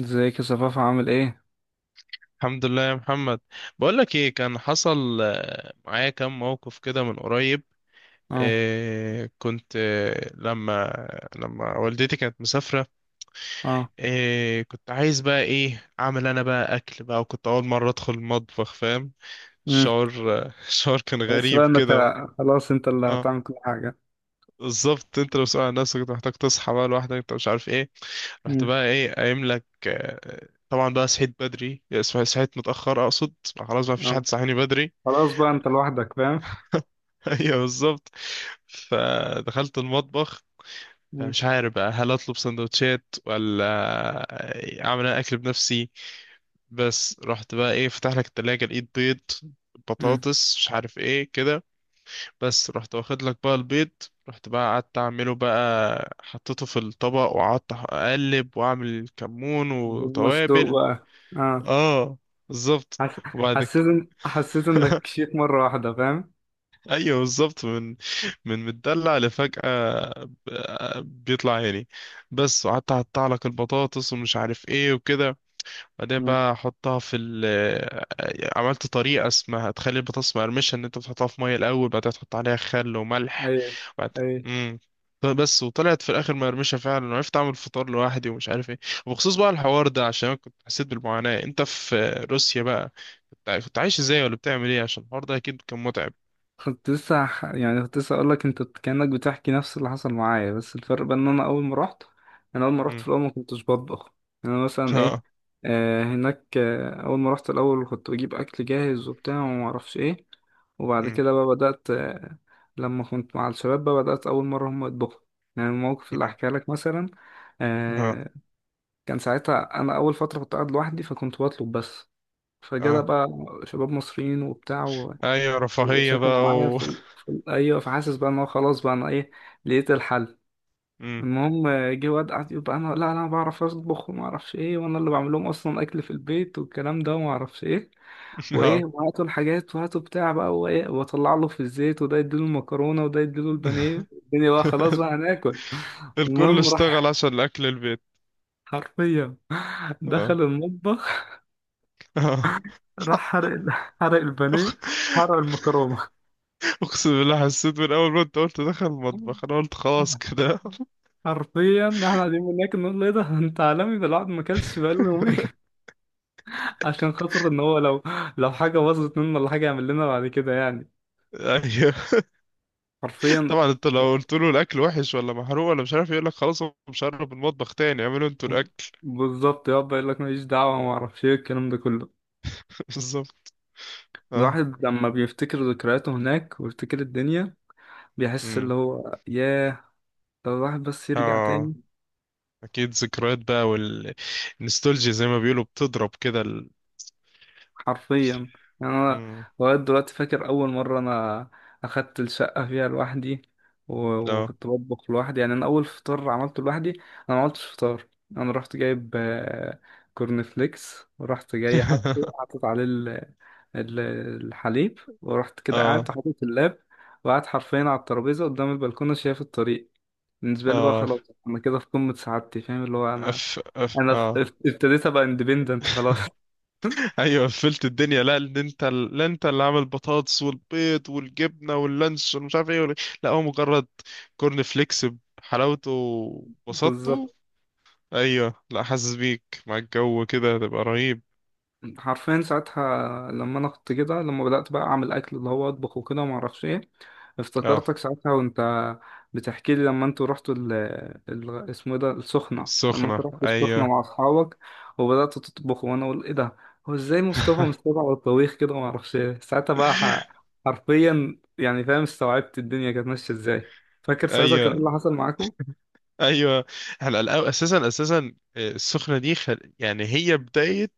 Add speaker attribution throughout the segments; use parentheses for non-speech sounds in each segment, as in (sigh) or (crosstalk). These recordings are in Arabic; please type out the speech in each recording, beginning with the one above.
Speaker 1: ازيك يا صفاف؟ عامل ايه؟
Speaker 2: الحمد لله يا محمد. بقول لك ايه، كان حصل معايا كام موقف كده من قريب.
Speaker 1: اه.
Speaker 2: إيه، كنت لما والدتي كانت مسافرة.
Speaker 1: اه.
Speaker 2: إيه كنت عايز بقى ايه، اعمل انا بقى اكل بقى، وكنت اول مرة ادخل المطبخ، فاهم؟
Speaker 1: امم.
Speaker 2: الشعور آه، (laughs) الشعور كان
Speaker 1: بس
Speaker 2: غريب
Speaker 1: بقى انك
Speaker 2: كده.
Speaker 1: خلاص انت اللي
Speaker 2: اه
Speaker 1: هتعمل كل حاجه.
Speaker 2: بالظبط. انت لو سؤال عن نفسك كنت محتاج تصحى بقى لوحدك، انت مش عارف ايه. رحت
Speaker 1: امم.
Speaker 2: بقى ايه قايم لك، طبعا بقى صحيت بدري. صحيت متأخر اقصد. خلاص ما فيش
Speaker 1: اه.
Speaker 2: حد صحيني بدري.
Speaker 1: خلاص بقى انت لوحدك فاهم.
Speaker 2: (laughs) ايوه بالظبط. فدخلت المطبخ.
Speaker 1: امم.
Speaker 2: مش عارف بقى هل اطلب سندوتشات ولا اعمل انا اكل بنفسي. بس رحت بقى ايه فتح لك التلاجة، لقيت بيض،
Speaker 1: امم.
Speaker 2: بطاطس، مش عارف ايه كده. بس رحت واخد لك بقى البيض. رحت بقى قعدت اعمله بقى، حطيته في الطبق وقعدت اقلب واعمل كمون
Speaker 1: بيض مسلوق
Speaker 2: وتوابل.
Speaker 1: بقى. اه.
Speaker 2: اه بالظبط.
Speaker 1: حس...
Speaker 2: وبعد كده.
Speaker 1: حسيت انك شيك مره واحده فاهم.
Speaker 2: ايوه بالظبط. من متدلع لفجأة. بيطلع عيني بس. وقعدت اقطع لك البطاطس ومش عارف ايه وكده. بعدين
Speaker 1: امم.
Speaker 2: بقى احطها في ال. عملت طريقة اسمها تخلي البطاطس مقرمشة، ان انت بتحطها في مية الاول بعدين تحط عليها خل وملح.
Speaker 1: ايوه.
Speaker 2: وبعد.
Speaker 1: اي.
Speaker 2: امم بس وطلعت في الاخر مقرمشة فعلا، وعرفت اعمل فطار لوحدي ومش عارف ايه. وبخصوص بقى الحوار ده، عشان أنا كنت حسيت بالمعاناة انت في روسيا بقى. كنت عايش ازاي، ولا بتعمل ايه؟ عشان الحوار ده اكيد كان متعب.
Speaker 1: كنت لسه يعني كنت لسه اقول لك انت كأنك بتحكي نفس اللي حصل معايا، بس الفرق بقى ان انا اول ما رحت في الاول ما كنتش بطبخ. يعني انا مثلا ايه،
Speaker 2: ها.
Speaker 1: هناك اول ما رحت الاول كنت بجيب اكل جاهز وبتاع وما اعرفش ايه. وبعد
Speaker 2: مم.
Speaker 1: كده بقى بدأت لما كنت مع الشباب بقى بدأت اول مرة هم يطبخوا. يعني الموقف اللي
Speaker 2: مم.
Speaker 1: احكي لك مثلا،
Speaker 2: ها.
Speaker 1: آه كان ساعتها انا اول فترة كنت قاعد لوحدي فكنت بطلب بس. فجدا
Speaker 2: اه.
Speaker 1: بقى شباب مصريين وبتاع
Speaker 2: ايوه رفاهية
Speaker 1: وساكنة
Speaker 2: بقى
Speaker 1: معايا
Speaker 2: و.
Speaker 1: في ال أيوة، فحاسس بقى إن هو خلاص بقى أنا إيه، لقيت الحل.
Speaker 2: مم.
Speaker 1: المهم، جه واد قعد يقول بقى: أنا، لا، أنا بعرف أطبخ وما أعرفش إيه، وأنا اللي بعمل لهم أصلا أكل في البيت والكلام ده وما أعرفش إيه، وإيه
Speaker 2: ها.
Speaker 1: وهاتوا الحاجات وهاتوا بتاع بقى وإيه، وأطلع له في الزيت وده يديله المكرونة وده يديله البانيه، الدنيا بقى خلاص بقى
Speaker 2: (laughs)
Speaker 1: هناكل. (laughs)
Speaker 2: الكل
Speaker 1: المهم
Speaker 2: اشتغل
Speaker 1: راح
Speaker 2: عشان اكل البيت.
Speaker 1: حرفيا
Speaker 2: اه.
Speaker 1: دخل المطبخ،
Speaker 2: اه.
Speaker 1: راح حرق حرق البانيه،
Speaker 2: أق-
Speaker 1: حرق المكرونة.
Speaker 2: اقسم بالله حسيت من اول ما انت قلت دخل المطبخ انا قلت خلاص كده.
Speaker 1: حرفيا احنا قاعدين هناك نقول له ايه ده؟ (laughs) انت عالمي ده، الواحد ما اكلش بقاله يومين.
Speaker 2: (laughs)
Speaker 1: (laughs) عشان خاطر ان هو لو حاجه باظت منه ولا حاجه يعمل لنا بعد كده يعني.
Speaker 2: ايوه
Speaker 1: حرفيا.
Speaker 2: طبعا. انت لو قلت له الاكل وحش ولا محروق ولا مش عارف، يقول لك خلاص هو مش هقرب المطبخ تاني، اعملوا انتوا الاكل.
Speaker 1: بالظبط، يقعد بقى يقول لك ماليش دعوه وما اعرفش ايه الكلام ده كله.
Speaker 2: (laughs) بالظبط. اه.
Speaker 1: الواحد لما بيفتكر ذكرياته هناك ويفتكر الدنيا، بيحس
Speaker 2: امم.
Speaker 1: اللي هو ياه، لو الواحد بس يرجع
Speaker 2: اه
Speaker 1: تاني.
Speaker 2: اكيد ذكريات بقى، والنستولجيا زي ما بيقولوا بتضرب كده.
Speaker 1: حرفيا. يعني انا
Speaker 2: امم.
Speaker 1: لغايه دلوقتي فاكر اول مره انا اخدت الشقه فيها لوحدي و-
Speaker 2: اه.
Speaker 1: وكنت بطبخ لوحدي. يعني انا اول فطار عملته لوحدي، انا ما عملتش فطار، انا رحت جايب كورن فليكس ورحت جاي
Speaker 2: (laughs)
Speaker 1: حاطط عليه ال- الحليب، ورحت كده قاعد
Speaker 2: اه.
Speaker 1: حاطط اللاب وقعد حرفيا على الترابيزه قدام البلكونه شايف الطريق. بالنسبه لي بقى
Speaker 2: اه.
Speaker 1: خلاص، انا كده في قمه سعادتي، فاهم اللي هو، انا
Speaker 2: أف أف
Speaker 1: انا
Speaker 2: اه.
Speaker 1: ابتديت ابقى اندبندنت خلاص.
Speaker 2: ايوه قفلت الدنيا. لا ان انت، لا انت اللي عامل بطاطس والبيض والجبنه واللانش ومش عارف ايه، لا هو مجرد كورن فليكس بحلاوته
Speaker 1: (laughs)
Speaker 2: وبساطته.
Speaker 1: بالظبط.
Speaker 2: ايوه لا حاسس بيك مع الجو كده هتبقى رهيب.
Speaker 1: حرفيا ساعتها لما انا كنت كده، لما بدأت بقى اعمل اكل اللي هو اطبخ وكده وما اعرفش ايه،
Speaker 2: اه
Speaker 1: افتكرتك ساعتها وانت بتحكي لي لما انتوا رحتوا اسمه إيه ده، السخنة، لما انت
Speaker 2: السخنه
Speaker 1: رحتوا السخنة
Speaker 2: ايوه.
Speaker 1: مع اصحابك وبدأتوا تطبخوا، وانا اقول ايه ده، هو ازاي مصطفى
Speaker 2: (laughs)
Speaker 1: مستوعب على الطبيخ كده وما اعرفش ايه. ساعتها بقى، حرفيا يعني فاهم، استوعبت الدنيا كانت ماشية ازاي. فاكر ساعتها كان ايه اللي
Speaker 2: ايوه
Speaker 1: حصل معاكم؟
Speaker 2: ايوه. احنا اساسا اساسا، السخنه دي خل... يعني هي بدايه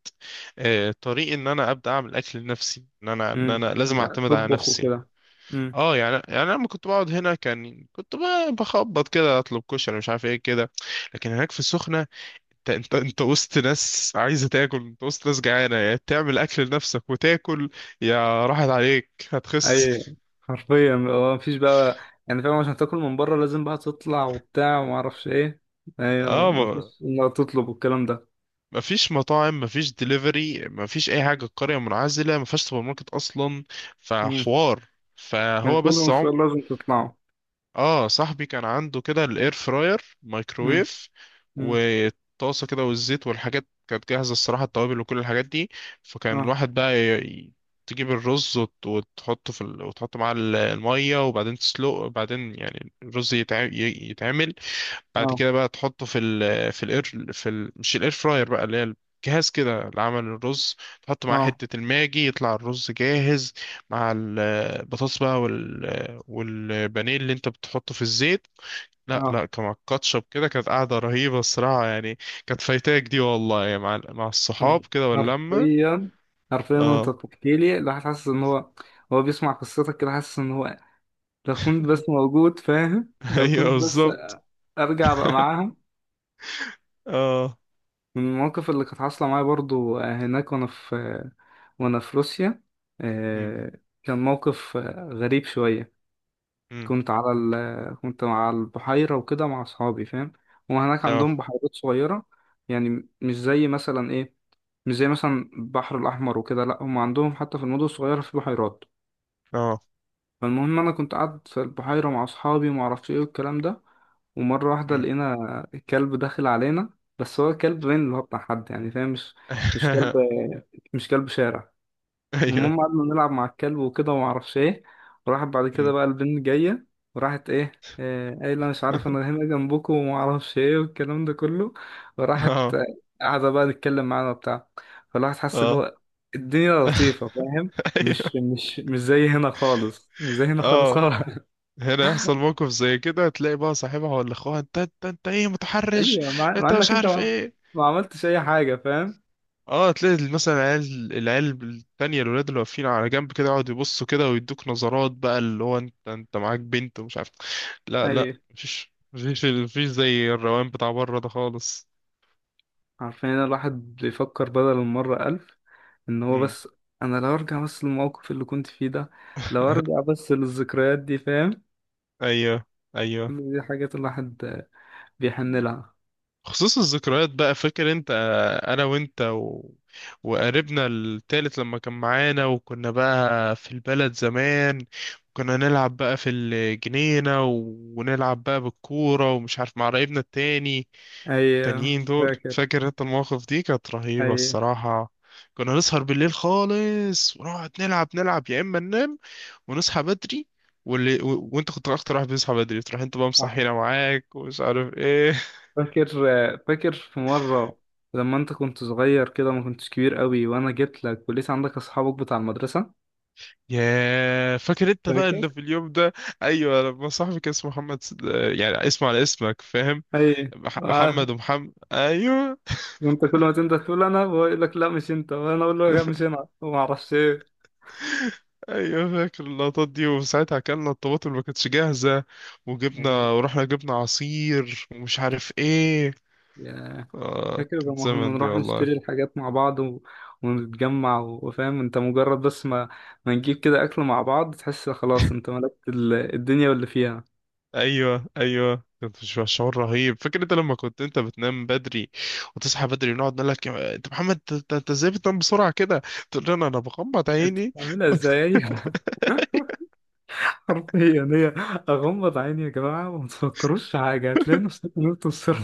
Speaker 2: طريق ان انا ابدا اعمل اكل لنفسي، ان انا ان
Speaker 1: امم.
Speaker 2: انا لازم اعتمد على
Speaker 1: تطبخ
Speaker 2: نفسي.
Speaker 1: وكده. امم.
Speaker 2: اه يعني يعني انا لما كنت بقعد هنا كان كنت بخبط كده اطلب كشري مش عارف ايه كده. لكن هناك في السخنه، انت وسط ناس عايزه تاكل، انت وسط ناس جعانه، يا تعمل اكل لنفسك وتاكل، يا راحت عليك هتخس.
Speaker 1: اي، حرفيا هو مفيش بقى، يعني فاهم، عشان تاكل من بره لازم بقى تطلع وبتاع وما اعرفش ايه. ايوه،
Speaker 2: اه
Speaker 1: مفيش انك تطلب والكلام ده.
Speaker 2: مفيش مطاعم، مفيش دليفري، مفيش اي حاجه، القريه منعزله مفيهاش سوبر ماركت اصلا.
Speaker 1: امم.
Speaker 2: فحوار.
Speaker 1: كان
Speaker 2: فهو
Speaker 1: كل
Speaker 2: بس عم.
Speaker 1: مشوار لازم تطلعه.
Speaker 2: اه صاحبي كان عنده كده الاير فراير،
Speaker 1: امم.
Speaker 2: مايكرويف،
Speaker 1: امم.
Speaker 2: وطاسه كده والزيت، والحاجات كانت جاهزه الصراحه التوابل وكل الحاجات دي. فكان
Speaker 1: اه.
Speaker 2: الواحد بقى ي... تجيب الرز وت- وتحطه في ال... وتحط معاه الميه وبعدين تسلقه وبعدين يعني الرز يتع... يتعمل. بعد
Speaker 1: اه.
Speaker 2: كده بقى تحطه في ال في ال مش الاير فراير بقى، اللي هي الجهاز كده لعمل الرز. تحط معاه
Speaker 1: اه.
Speaker 2: حتة الماجي يطلع الرز جاهز، مع البطاطس بقى، والبانيه اللي انت بتحطه في الزيت. لا
Speaker 1: اه.
Speaker 2: لا، كان مع الكاتشب كده كانت قاعدة رهيبة الصراحة يعني. كانت فايتاك دي والله يعني مع الصحاب
Speaker 1: حر-
Speaker 2: كده واللمة.
Speaker 1: حرفيا، حرفيا انت
Speaker 2: اه.
Speaker 1: بتحكي لي الواحد حاسس ان هو، هو بيسمع قصتك كده حاسس ان هو، لو كنت
Speaker 2: (laughs)
Speaker 1: بس موجود فاهم، لو
Speaker 2: ايوه
Speaker 1: كنت بس
Speaker 2: بالظبط.
Speaker 1: ارجع بقى معاهم.
Speaker 2: اه.
Speaker 1: من المواقف اللي كانت حاصله معايا برضو هناك، وانا في وأنا في روسيا،
Speaker 2: امم.
Speaker 1: آه، كان موقف غريب شوية.
Speaker 2: امم.
Speaker 1: كنت على البحيرة وكده مع أصحابي، فاهم هما هناك عندهم
Speaker 2: اه.
Speaker 1: بحيرات صغيرة. يعني مش زي مثلا إيه، مش زي مثلا البحر الأحمر وكده. لأ، هما عندهم حتى في المدن الصغيرة في بحيرات.
Speaker 2: اه.
Speaker 1: فالمهم أنا كنت قاعد في البحيرة مع أصحابي ومعرفش إيه والكلام ده، ومرة واحدة
Speaker 2: امم.
Speaker 1: لقينا كلب داخل علينا، بس هو كلب باين اللي هو بتاع حد يعني فاهم، مش كلب،
Speaker 2: (laughs)
Speaker 1: مش كلب شارع. المهم
Speaker 2: ايوه.
Speaker 1: قعدنا نلعب مع الكلب وكده وما اعرفش ايه. وراحت بعد كده
Speaker 2: امم.
Speaker 1: بقى البنت جايه، وراحت ايه، قايله مش عارف انا
Speaker 2: (laughs)
Speaker 1: هنا جنبكم وما اعرفش ايه والكلام ده كله، وراحت
Speaker 2: اه.
Speaker 1: قاعده بقى تتكلم معانا وبتاع. فالواحد حس اللي
Speaker 2: اه.
Speaker 1: هو الدنيا لطيفه،
Speaker 2: (laughs)
Speaker 1: فاهم. مش
Speaker 2: ايوه.
Speaker 1: مش مش زي هنا خالص، مش زي هنا خالص
Speaker 2: اه.
Speaker 1: خالص. (laughs)
Speaker 2: هنا يحصل موقف زي كده تلاقي بقى صاحبها ولا اخوها، انت انت انت ايه؟ متحرش؟
Speaker 1: ايوه، مع، مع
Speaker 2: انت
Speaker 1: انك
Speaker 2: مش
Speaker 1: انت
Speaker 2: عارف
Speaker 1: ما،
Speaker 2: ايه.
Speaker 1: ما عملتش اي حاجه فاهم.
Speaker 2: اه تلاقي مثلا العيال التانية، الولاد اللي واقفين على جنب كده يقعدوا يبصوا كده ويدوك نظرات بقى، اللي هو انت انت معاك بنت ومش عارف. لا
Speaker 1: ايوه،
Speaker 2: لا مفيش مفيش مفيش زي الروان بتاع بره ده خالص.
Speaker 1: عارفين ان الواحد بيفكر بدل المرة ألف إن هو
Speaker 2: امم.
Speaker 1: بس أنا لو أرجع بس للموقف اللي كنت فيه ده، لو أرجع بس للذكريات دي فاهم.
Speaker 2: ايوه ايوه.
Speaker 1: كل دي حاجات الواحد بيحن لها.
Speaker 2: خصوص الذكريات بقى، فاكر انت انا وانت و... وقريبنا التالت لما كان معانا، وكنا بقى في البلد زمان، كنا نلعب بقى في الجنينة ونلعب بقى بالكورة ومش عارف، مع قرايبنا التاني
Speaker 1: أي.
Speaker 2: التانيين دول.
Speaker 1: فاكر.
Speaker 2: فاكر انت المواقف دي كانت رهيبة
Speaker 1: أي.
Speaker 2: الصراحة. كنا نسهر بالليل خالص ونقعد نلعب نلعب، يا اما ننام ونصحى بدري. واللي و... وانت كنت اكتر واحد بيصحى بدري، تروح انت بقى
Speaker 1: عارف.
Speaker 2: مصحينا معاك ومش عارف ايه.
Speaker 1: فاكر فاكر في مرة لما أنت كنت صغير كده، ما كنتش كبير قوي، وأنا جيت لك ولسه عندك أصحابك بتاع المدرسة.
Speaker 2: يا فاكر انت بقى
Speaker 1: فاكر.
Speaker 2: اللي في اليوم ده. ايوه لما صاحبي كان اسمه محمد يعني اسمه على اسمك فاهم.
Speaker 1: أي. عارف.
Speaker 2: محمد ومحمد ايوه.
Speaker 1: وأنت كل ما تنده تقول أنا، بقول لك لا مش أنت، وأنا أقول له لا مش
Speaker 2: (laughs)
Speaker 1: أنا، وما أعرفش إيه.
Speaker 2: ايوه فاكر اللقطات دي، وساعتها اكلنا الطماطم اللي ما كانتش جاهزه، وجبنا
Speaker 1: أي.
Speaker 2: ورحنا جبنا عصير ومش عارف ايه.
Speaker 1: ياه.
Speaker 2: اه
Speaker 1: فاكر
Speaker 2: كان
Speaker 1: لما كنا
Speaker 2: زمن دي
Speaker 1: نروح
Speaker 2: والله.
Speaker 1: نشتري الحاجات مع بعض ونتجمع و- وفاهم انت، مجرد بس ما نجيب كده اكل مع بعض تحس خلاص انت ملكت الدنيا واللي فيها.
Speaker 2: ايوه ايوه كنت في شعور رهيب. فاكر انت لما كنت انت بتنام بدري وتصحى بدري ونقعد نقول لك انت محمد، انت انت ازاي بتنام بسرعه كده؟ تقول لنا انا بغمض
Speaker 1: انت
Speaker 2: عيني.
Speaker 1: بتعملها
Speaker 2: (laughs)
Speaker 1: ازاي؟ (laughs) حرفيا هي اغمض عيني يا جماعه وما تفكروش في حاجه هتلاقي نفسك نلت السر.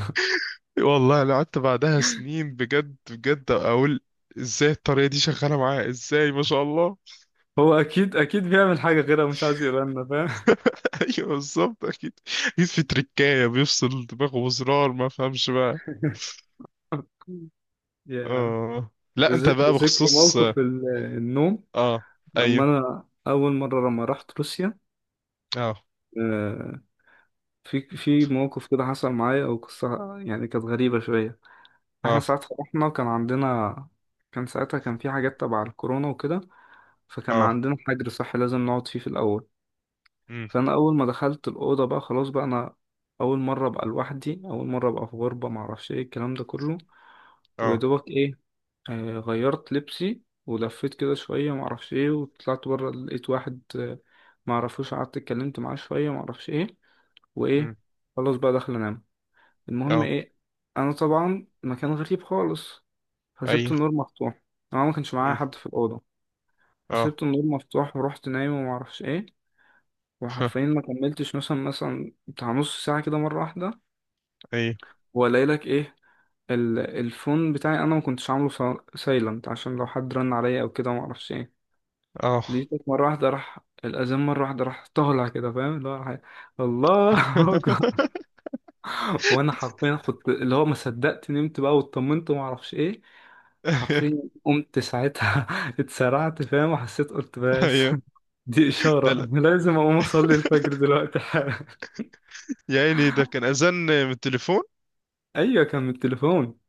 Speaker 2: والله انا قعدت بعدها سنين بجد بجد اقول ازاي الطريقه دي شغاله معاه، ازاي ما شاء الله.
Speaker 1: هو اكيد، اكيد بيعمل حاجه غيرها مش عايز يقولها لنا فاهم.
Speaker 2: (laughs) ايوه بالظبط اكيد اكيد. في تركايه بيفصل دماغه بزرار، ما فهمش بقى.
Speaker 1: (laughs) يا،
Speaker 2: اه لا انت بقى
Speaker 1: بذكر
Speaker 2: بخصوص.
Speaker 1: موقف النوم
Speaker 2: اه.
Speaker 1: لما
Speaker 2: ايوه.
Speaker 1: انا اول مره لما رحت روسيا.
Speaker 2: اه.
Speaker 1: آه، في موقف كده حصل معايا او قصه يعني كانت غريبه شويه. احنا
Speaker 2: اه.
Speaker 1: ساعتها رحنا وكان عندنا، كان ساعتها كان في حاجات تبع الكورونا وكده، فكان
Speaker 2: اه.
Speaker 1: عندنا حجر صحي لازم نقعد فيه في الاول.
Speaker 2: امم.
Speaker 1: فانا اول ما دخلت الاوضه بقى خلاص بقى انا، اول مره ابقى لوحدي، اول مره ابقى في غربه، معرفش ايه الكلام ده كله.
Speaker 2: اه.
Speaker 1: ودوبك ايه، آه غيرت لبسي ولفيت كده شويه معرفش ايه، وطلعت بره لقيت واحد معرفوش، قعدت اتكلمت معاه شويه معرفش ايه
Speaker 2: امم.
Speaker 1: وايه، خلاص بقى داخل انام. المهم
Speaker 2: اه.
Speaker 1: ايه، انا طبعا مكان غريب خالص، فسبت
Speaker 2: ايوه.
Speaker 1: النور مفتوح، انا ما كانش معايا
Speaker 2: امم.
Speaker 1: حد في الاوضه،
Speaker 2: اه.
Speaker 1: فسبت النور مفتوح ورحت نايم وما اعرفش ايه. وحرفيا
Speaker 2: (laughs)
Speaker 1: ما كملتش مثلا بتاع نص ساعه كده، مره واحده
Speaker 2: ايوه.
Speaker 1: والاقي لك ايه، الفون بتاعي انا ما كنتش عامله سايلنت، عشان لو حد رن عليا او كده ما اعرفش ايه.
Speaker 2: اه.
Speaker 1: لقيتك مره واحده راح الاذان مره واحده، راح طالع كده فاهم اللي هو إيه، الله. (laughs)
Speaker 2: (laughs)
Speaker 1: وانا حرفيا كنت اللي هو ما صدقت نمت بقى واطمنت وما اعرفش ايه.
Speaker 2: ايوه
Speaker 1: حرفيا قمت ساعتها (laughs) اتسرعت فاهم، وحسيت قلت بس
Speaker 2: ايوه.
Speaker 1: (laughs) دي
Speaker 2: ده
Speaker 1: اشاره
Speaker 2: لا.
Speaker 1: انا لازم اقوم اصلي الفجر دلوقتي حالا. (laughs)
Speaker 2: يا عيني ده كان اذان من التليفون.
Speaker 1: ايوه كان من التليفون.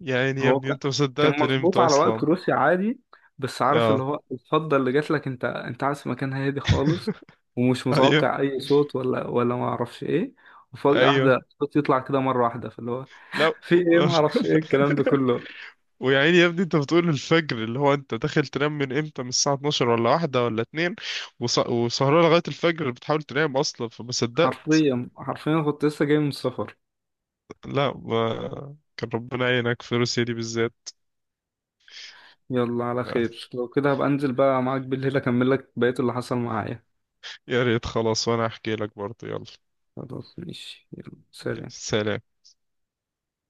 Speaker 2: يا عيني يا
Speaker 1: هو
Speaker 2: ابني
Speaker 1: كان
Speaker 2: انت ما
Speaker 1: كان
Speaker 2: صدقت نمت
Speaker 1: مظبوط على وقت
Speaker 2: اصلا.
Speaker 1: روسيا عادي، بس عارف اللي
Speaker 2: اه.
Speaker 1: هو الفضه اللي جات لك، انت عارف مكان هادي خالص ومش
Speaker 2: ايوه
Speaker 1: متوقع اي صوت ولا ما اعرفش ايه، وفجاه
Speaker 2: ايوه.
Speaker 1: واحده الصوت يطلع كده مره واحده فاللي هو
Speaker 2: لا
Speaker 1: (laughs) في ايه
Speaker 2: و-
Speaker 1: ما اعرفش ايه الكلام ده
Speaker 2: (laughs)
Speaker 1: كله.
Speaker 2: ويا عيني يا ابني انت بتقول الفجر، اللي هو انت داخل تنام من امتى؟ من الساعه 12 ولا واحدة ولا اتنين، وسهران لغايه الفجر بتحاول تنام اصلا فما صدقت.
Speaker 1: حرفيا كنت لسه جاي من السفر.
Speaker 2: لا ما... كان ربنا يعينك في روسيا دي بالذات.
Speaker 1: يلا على
Speaker 2: (laughs)
Speaker 1: خير، لو كده هبقى انزل بقى معاك بالليل اكمل لك بقية اللي حصل معايا.
Speaker 2: يا ريت خلاص وانا احكي لك برضه يلا.
Speaker 1: خلاص ماشي، يلا
Speaker 2: يا
Speaker 1: سلام.
Speaker 2: سلام.